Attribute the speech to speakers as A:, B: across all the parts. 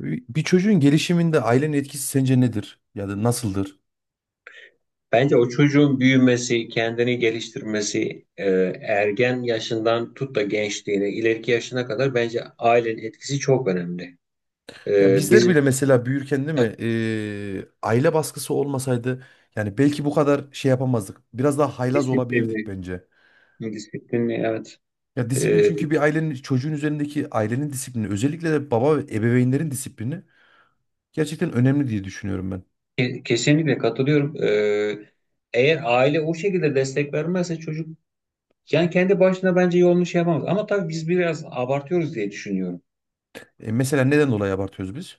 A: Bir çocuğun gelişiminde ailenin etkisi sence nedir? Ya da nasıldır?
B: Bence o çocuğun büyümesi, kendini geliştirmesi, ergen yaşından tut da gençliğine, ileriki yaşına kadar bence ailenin etkisi çok önemli.
A: Ya bizler bile
B: Bizim
A: mesela büyürken değil mi? Aile baskısı olmasaydı yani belki bu kadar şey yapamazdık. Biraz daha haylaz olabilirdik
B: disiplinli,
A: bence.
B: disiplinli evet.
A: Ya disiplin
B: E,
A: çünkü bir ailenin çocuğun üzerindeki ailenin disiplini özellikle de baba ve ebeveynlerin disiplini gerçekten önemli diye düşünüyorum ben.
B: kesinlikle katılıyorum. Eğer aile o şekilde destek vermezse çocuk yani kendi başına bence yolunu şey yapamaz. Ama tabii biz biraz abartıyoruz diye düşünüyorum.
A: Mesela neden dolayı abartıyoruz biz?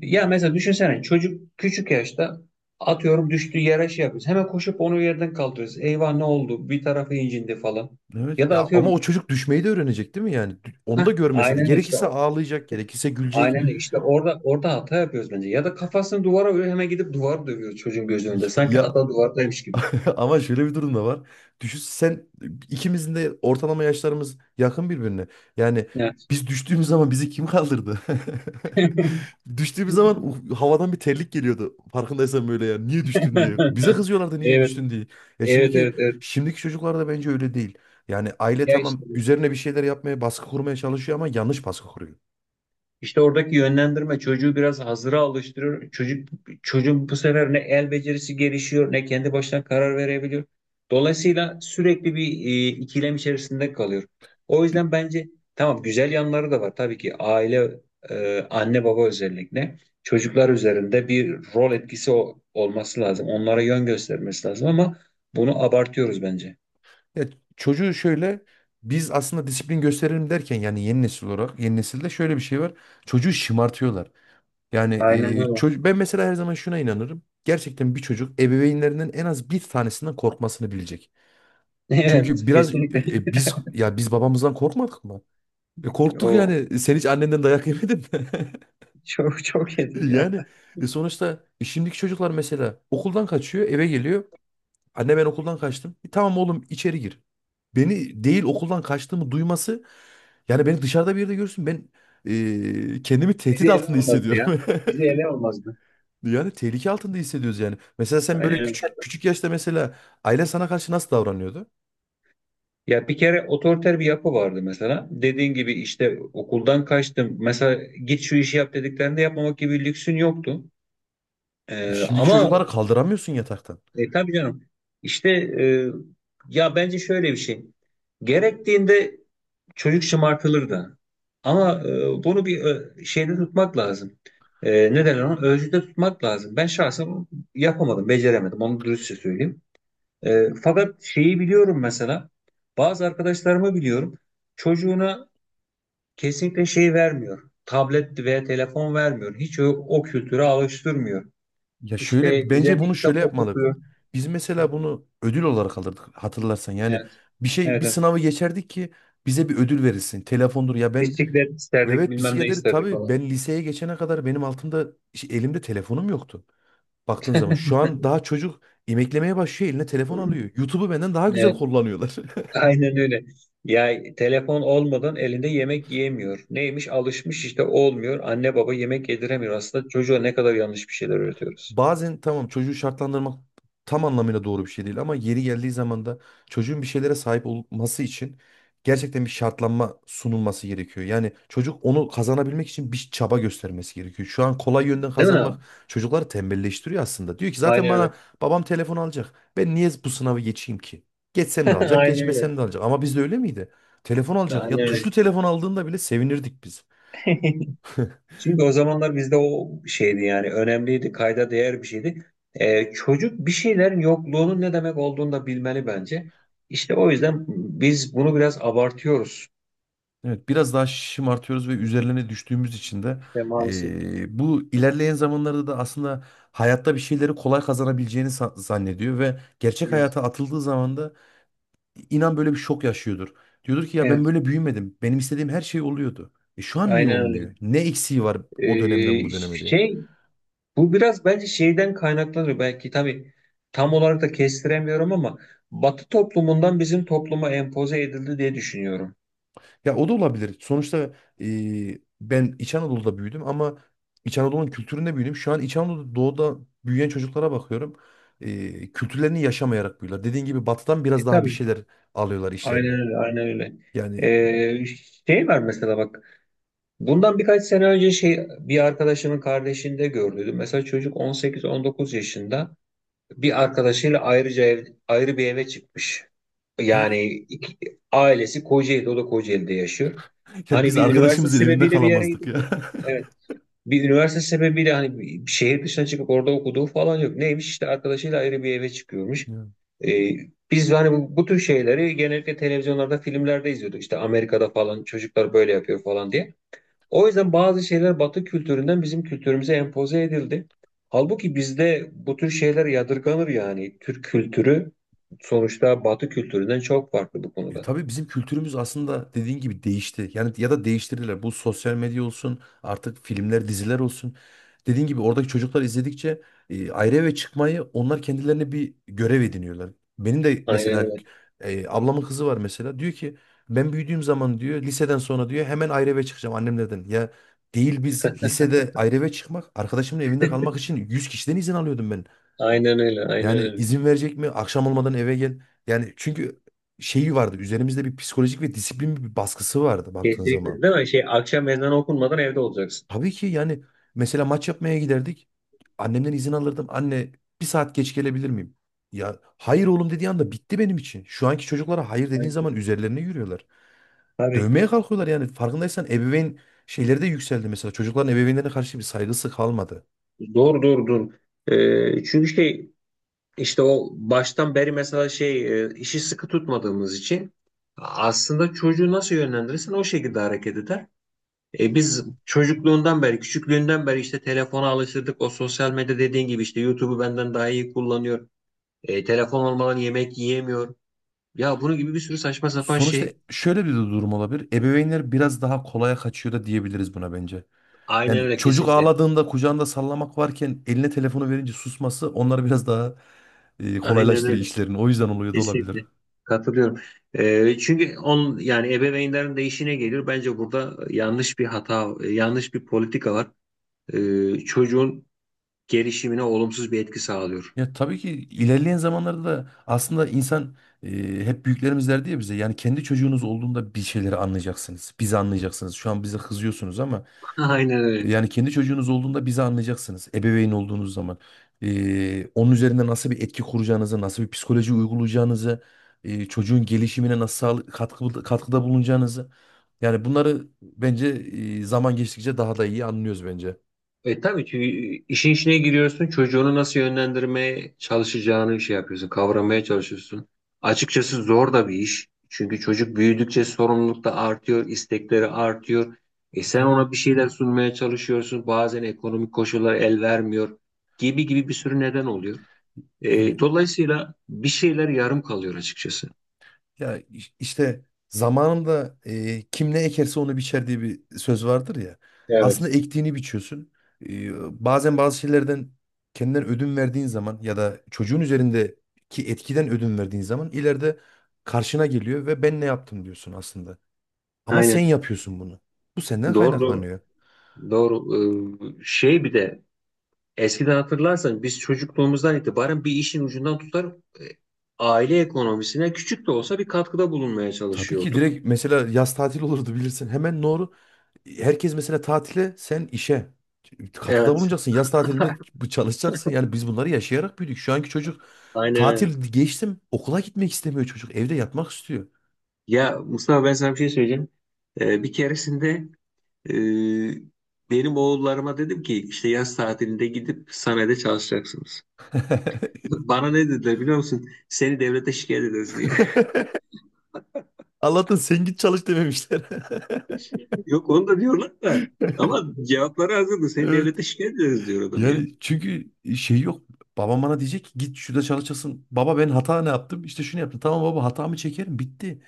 B: Ya mesela düşünsene çocuk küçük yaşta atıyorum düştüğü yere şey yapıyoruz. Hemen koşup onu yerden kaldırıyoruz. Eyvah ne oldu? Bir tarafı incindi falan. Ya
A: Evet.
B: da
A: Ya ama o
B: atıyorum
A: çocuk düşmeyi de öğrenecek değil mi yani? Onu da
B: heh,
A: görmesi.
B: aynen işte
A: Gerekirse
B: o.
A: ağlayacak, gerekirse gülecek.
B: Aynen işte orada hata yapıyoruz bence. Ya da kafasını duvara vuruyor hemen gidip duvarı dövüyoruz çocuğun gözünün önünde. Sanki
A: Ya
B: hata duvardaymış gibi.
A: ama şöyle bir durum da var. Düşün sen, ikimizin de ortalama yaşlarımız yakın birbirine. Yani
B: Evet.
A: biz düştüğümüz zaman bizi kim kaldırdı? Düştüğümüz zaman havadan bir terlik geliyordu. Farkındaysan böyle ya. Niye düştün diye. Bize kızıyorlardı niye
B: Evet,
A: düştün diye. Ya
B: evet,
A: şimdiki
B: evet, evet.
A: şimdiki çocuklar da bence öyle değil. Yani aile
B: Ya işte.
A: tamam üzerine bir şeyler yapmaya, baskı kurmaya çalışıyor ama yanlış baskı kuruyor.
B: İşte oradaki yönlendirme çocuğu biraz hazıra alıştırıyor. Çocuğun bu sefer ne el becerisi gelişiyor ne kendi başına karar verebiliyor. Dolayısıyla sürekli bir ikilem içerisinde kalıyor. O yüzden bence tamam güzel yanları da var. Tabii ki aile anne baba özellikle çocuklar üzerinde bir rol etkisi olması lazım. Onlara yön göstermesi lazım ama bunu abartıyoruz bence.
A: Ya çocuğu şöyle, biz aslında disiplin gösterelim derken yani yeni nesil olarak yeni nesilde şöyle bir şey var. Çocuğu şımartıyorlar. Yani
B: Aynen öyle.
A: çocuk ben mesela her zaman şuna inanırım. Gerçekten bir çocuk ebeveynlerinden en az bir tanesinden korkmasını bilecek.
B: Evet,
A: Çünkü biraz
B: kesinlikle.
A: biz ya biz babamızdan korkmadık mı? Korktuk
B: O
A: yani. Sen hiç annenden dayak yemedin mi?
B: çok çok yedim ya.
A: Yani sonuçta şimdiki çocuklar mesela okuldan kaçıyor, eve geliyor. Anne ben okuldan kaçtım. E, tamam oğlum içeri gir. Beni değil okuldan kaçtığımı duyması, yani beni dışarıda bir yerde görsün ben kendimi tehdit
B: Bizi ele
A: altında
B: almazdı ya.
A: hissediyorum.
B: Bizi ele almazdı.
A: Yani tehlike altında hissediyoruz yani. Mesela sen
B: Yani
A: böyle
B: evet.
A: küçük küçük yaşta mesela aile sana karşı nasıl davranıyordu?
B: Ya bir kere otoriter bir yapı vardı mesela. Dediğin gibi işte okuldan kaçtım. Mesela git şu işi yap dediklerinde yapmamak gibi bir lüksün yoktu.
A: E şimdiki
B: Ama
A: çocuklara kaldıramıyorsun yataktan.
B: tabii canım işte ya bence şöyle bir şey. Gerektiğinde çocuk şımartılır da. Ama bunu bir şeyde tutmak lazım. Ne derler ona? Ölçüde tutmak lazım. Ben şahsen yapamadım, beceremedim. Onu dürüstçe söyleyeyim. Fakat şeyi biliyorum mesela bazı arkadaşlarımı biliyorum çocuğuna kesinlikle şey vermiyor. Tablet veya telefon vermiyor. Hiç o, o kültüre alıştırmıyor.
A: Ya şöyle
B: İşte
A: bence
B: düzenli
A: bunu şöyle
B: kitap
A: yapmalı.
B: okutuyor.
A: Biz
B: Evet.
A: mesela bunu ödül olarak alırdık hatırlarsan. Yani bir şey bir
B: Evet, evet.
A: sınavı geçerdik ki bize bir ödül verilsin. Telefondur ya ben,
B: Bisiklet isterdik
A: evet
B: bilmem ne
A: bisikletleri
B: isterdik
A: tabii ben
B: falan.
A: liseye geçene kadar benim altımda elimde telefonum yoktu. Baktığın zaman şu an daha çocuk emeklemeye başlıyor eline telefon alıyor. YouTube'u benden daha güzel
B: Evet,
A: kullanıyorlar.
B: aynen öyle. Ya telefon olmadan elinde yemek yiyemiyor. Neymiş? Alışmış işte olmuyor. Anne baba yemek yediremiyor. Aslında çocuğa ne kadar yanlış bir şeyler öğretiyoruz.
A: Bazen tamam çocuğu şartlandırmak tam anlamıyla doğru bir şey değil ama yeri geldiği zaman da çocuğun bir şeylere sahip olması için gerçekten bir şartlanma sunulması gerekiyor. Yani çocuk onu kazanabilmek için bir çaba göstermesi gerekiyor. Şu an kolay yönden
B: Değil mi
A: kazanmak
B: abi?
A: çocukları tembelleştiriyor aslında. Diyor ki zaten
B: Aynen öyle.
A: bana babam telefon alacak. Ben niye bu sınavı geçeyim ki? Geçsem de alacak,
B: Aynen öyle.
A: geçmesem de alacak. Ama bizde öyle miydi? Telefon alacak.
B: Aynen
A: Ya
B: öyle.
A: tuşlu telefon aldığında bile sevinirdik biz.
B: Çünkü o zamanlar bizde o şeydi yani önemliydi, kayda değer bir şeydi. Çocuk bir şeylerin yokluğunun ne demek olduğunu da bilmeli bence. İşte o yüzden biz bunu biraz abartıyoruz.
A: Evet, biraz daha şımartıyoruz ve üzerlerine düştüğümüz için de
B: İşte maalesef.
A: bu ilerleyen zamanlarda da aslında hayatta bir şeyleri kolay kazanabileceğini zannediyor ve gerçek
B: Evet,
A: hayata atıldığı zaman da inan böyle bir şok yaşıyordur. Diyordur ki ya ben
B: evet,
A: böyle büyümedim. Benim istediğim her şey oluyordu. E şu an niye
B: aynen öyle.
A: olmuyor? Ne eksiği var o dönemden
B: Ee,
A: bu döneme diye.
B: şey, bu biraz bence şeyden kaynaklanıyor. Belki tabii tam olarak da kestiremiyorum ama Batı toplumundan bizim topluma empoze edildi diye düşünüyorum.
A: Ya o da olabilir. Sonuçta ben İç Anadolu'da büyüdüm ama İç Anadolu'nun kültüründe büyüdüm. Şu an İç Anadolu'da doğuda büyüyen çocuklara bakıyorum. E, kültürlerini yaşamayarak büyüyorlar. Dediğin gibi batıdan biraz
B: E
A: daha bir
B: tabii.
A: şeyler alıyorlar
B: Aynen
A: işlerine.
B: öyle, aynen öyle.
A: Yani
B: Ee, şey var mesela bak. Bundan birkaç sene önce şey bir arkadaşımın kardeşinde gördüydüm. Mesela çocuk 18-19 yaşında bir arkadaşıyla ayrıca ev, ayrı bir eve çıkmış.
A: evet.
B: Yani ailesi Kocaeli'de, o da Kocaeli'de yaşıyor.
A: Ya
B: Hani
A: biz
B: bir üniversite
A: arkadaşımızın evinde
B: sebebiyle bir yere
A: kalamazdık
B: gidiyor
A: ya.
B: bir üniversite sebebiyle hani bir şehir dışına çıkıp orada okuduğu falan yok. Neymiş işte arkadaşıyla ayrı bir eve çıkıyormuş. Ee, biz hani bu tür şeyleri genellikle televizyonlarda, filmlerde izliyorduk. İşte Amerika'da falan çocuklar böyle yapıyor falan diye. O yüzden bazı şeyler Batı kültüründen bizim kültürümüze empoze edildi. Halbuki bizde bu tür şeyler yadırganır yani. Türk kültürü sonuçta Batı kültüründen çok farklı bu
A: E,
B: konuda.
A: tabii bizim kültürümüz aslında dediğin gibi değişti. Yani ya da değiştirdiler. Bu sosyal medya olsun, artık filmler, diziler olsun. Dediğin gibi oradaki çocuklar izledikçe ayrı eve çıkmayı onlar kendilerine bir görev ediniyorlar. Benim de
B: Aynen
A: mesela
B: öyle.
A: ablamın kızı var mesela. Diyor ki ben büyüdüğüm zaman diyor liseden sonra diyor hemen ayrı eve çıkacağım annemlerden. Ya değil biz lisede ayrı eve çıkmak, arkadaşımın evinde kalmak için 100 kişiden izin alıyordum ben.
B: Aynen öyle. Aynen
A: Yani
B: öyle.
A: izin verecek mi? Akşam olmadan eve gel. Yani çünkü şeyi vardı. Üzerimizde bir psikolojik ve disiplin bir baskısı vardı baktığın zaman.
B: Kesinlikle. Değil mi? Şey, akşam ezanı okunmadan evde olacaksın.
A: Tabii ki yani mesela maç yapmaya giderdik. Annemden izin alırdım. Anne bir saat geç gelebilir miyim? Ya hayır oğlum dediği anda bitti benim için. Şu anki çocuklara hayır dediğin zaman üzerlerine yürüyorlar.
B: Tabii.
A: Dövmeye kalkıyorlar yani. Farkındaysan ebeveyn şeyleri de yükseldi mesela. Çocukların ebeveynlerine karşı bir saygısı kalmadı.
B: Doğru doğru doğru. Çünkü işte o baştan beri mesela şey işi sıkı tutmadığımız için aslında çocuğu nasıl yönlendirirsen o şekilde hareket eder. Biz çocukluğundan beri, küçüklüğünden beri işte telefona alıştırdık. O sosyal medya dediğin gibi işte YouTube'u benden daha iyi kullanıyor. Telefon olmadan yemek yiyemiyor. Ya bunun gibi bir sürü saçma sapan
A: Sonuçta
B: şey.
A: şöyle bir de durum olabilir. Ebeveynler biraz daha kolaya kaçıyor da diyebiliriz buna bence.
B: Aynen
A: Yani
B: öyle
A: çocuk
B: kesinlikle.
A: ağladığında kucağında sallamak varken eline telefonu verince susması onları biraz daha
B: Aynen
A: kolaylaştırıyor
B: öyle.
A: işlerini. O yüzden oluyor da olabilir.
B: Kesinlikle katılıyorum. Çünkü on yani ebeveynlerin de işine gelir. Bence burada yanlış bir hata, yanlış bir politika var. Çocuğun gelişimine olumsuz bir etki sağlıyor.
A: Ya tabii ki ilerleyen zamanlarda da aslında insan e, hep büyüklerimiz derdi ya bize, yani kendi çocuğunuz olduğunda bir şeyleri anlayacaksınız. Bizi anlayacaksınız. Şu an bize kızıyorsunuz ama
B: Aynen öyle.
A: yani kendi çocuğunuz olduğunda bizi anlayacaksınız. Ebeveyn olduğunuz zaman. Onun üzerinde nasıl bir etki kuracağınızı, nasıl bir psikoloji uygulayacağınızı, çocuğun gelişimine nasıl katkı, katkıda bulunacağınızı. Yani bunları bence zaman geçtikçe daha da iyi anlıyoruz bence.
B: E tabii ki işin içine giriyorsun, çocuğunu nasıl yönlendirmeye çalışacağını şey yapıyorsun, kavramaya çalışıyorsun. Açıkçası zor da bir iş. Çünkü çocuk büyüdükçe sorumluluk da artıyor, istekleri artıyor. E
A: E,
B: sen
A: tabii
B: ona bir şeyler sunmaya çalışıyorsun. Bazen ekonomik koşullar el vermiyor gibi gibi bir sürü neden oluyor.
A: yani
B: Dolayısıyla bir şeyler yarım kalıyor açıkçası.
A: ya işte zamanında kim ne ekerse onu biçer diye bir söz vardır ya. Aslında
B: Evet.
A: ektiğini biçiyorsun. Bazen bazı şeylerden kendinden ödün verdiğin zaman ya da çocuğun üzerindeki etkiden ödün verdiğin zaman ileride karşına geliyor ve ben ne yaptım diyorsun aslında. Ama sen
B: Aynen.
A: yapıyorsun bunu. Bu senden
B: Doğru doğru.
A: kaynaklanıyor.
B: Doğru. Şey bir de eskiden hatırlarsan biz çocukluğumuzdan itibaren bir işin ucundan tutar e, aile ekonomisine küçük de olsa bir katkıda bulunmaya
A: Tabii ki
B: çalışıyorduk.
A: direkt mesela yaz tatil olurdu bilirsin. Hemen doğru. Herkes mesela tatile, sen işe. Katkıda
B: Evet,
A: bulunacaksın. Yaz tatilinde çalışacaksın. Yani biz bunları yaşayarak büyüdük. Şu anki çocuk
B: aynen öyle.
A: tatil geçtim. Okula gitmek istemiyor çocuk. Evde yatmak istiyor.
B: Ya Mustafa ben sana bir şey söyleyeceğim. Bir keresinde e, benim oğullarıma dedim ki işte yaz tatilinde gidip sanayide çalışacaksınız. Bana ne dediler biliyor musun? Seni devlete şikayet ederiz diye.
A: Allah'tan sen git çalış dememişler.
B: Yok onu da diyorlar da ama cevapları hazırdı. Seni
A: Evet.
B: devlete şikayet ederiz diyor adam ya.
A: Yani çünkü şey yok. Babam bana diyecek ki git şurada çalışasın. Baba ben hata ne yaptım? İşte şunu yaptım. Tamam baba hatamı çekerim bitti.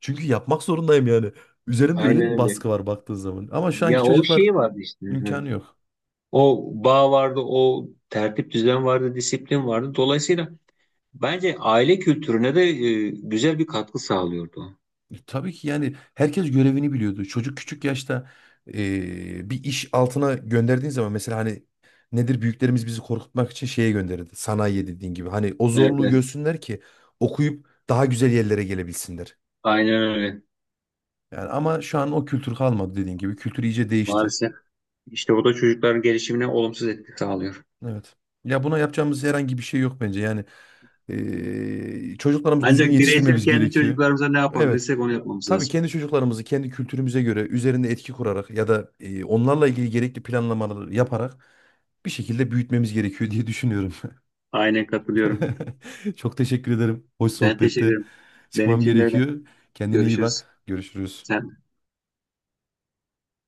A: Çünkü yapmak zorundayım yani. Üzerimde öyle
B: Aynen
A: bir
B: öyle.
A: baskı var baktığın zaman. Ama şu anki
B: Ya o
A: çocuklar
B: şey vardı işte. Hı.
A: imkanı yok.
B: O bağ vardı, o tertip düzen vardı, disiplin vardı. Dolayısıyla bence aile kültürüne de güzel bir katkı sağlıyordu, o.
A: E, tabii ki yani herkes görevini biliyordu. Çocuk küçük yaşta bir iş altına gönderdiğin zaman mesela hani nedir büyüklerimiz bizi korkutmak için şeye gönderirdi. Sanayiye dediğin gibi. Hani o
B: Evet,
A: zorluğu
B: evet.
A: görsünler ki okuyup daha güzel yerlere gelebilsinler.
B: Aynen öyle.
A: Yani ama şu an o kültür kalmadı dediğin gibi. Kültür iyice değişti.
B: Maalesef. İşte bu da çocukların gelişimine olumsuz etki sağlıyor.
A: Evet. Ya buna yapacağımız herhangi bir şey yok bence. Yani çocuklarımızı düzgün
B: Ancak bireysel
A: yetiştirmemiz
B: kendi
A: gerekiyor.
B: çocuklarımıza ne
A: Evet.
B: yapabilirsek onu yapmamız
A: Tabii
B: lazım.
A: kendi çocuklarımızı kendi kültürümüze göre üzerinde etki kurarak ya da onlarla ilgili gerekli planlamaları yaparak bir şekilde büyütmemiz gerekiyor diye düşünüyorum.
B: Aynen katılıyorum.
A: Çok teşekkür ederim. Hoş
B: Ben teşekkür
A: sohbette.
B: ederim. Benim
A: Çıkmam
B: için de öyle.
A: gerekiyor. Kendine iyi
B: Görüşürüz.
A: bak. Görüşürüz.
B: Sen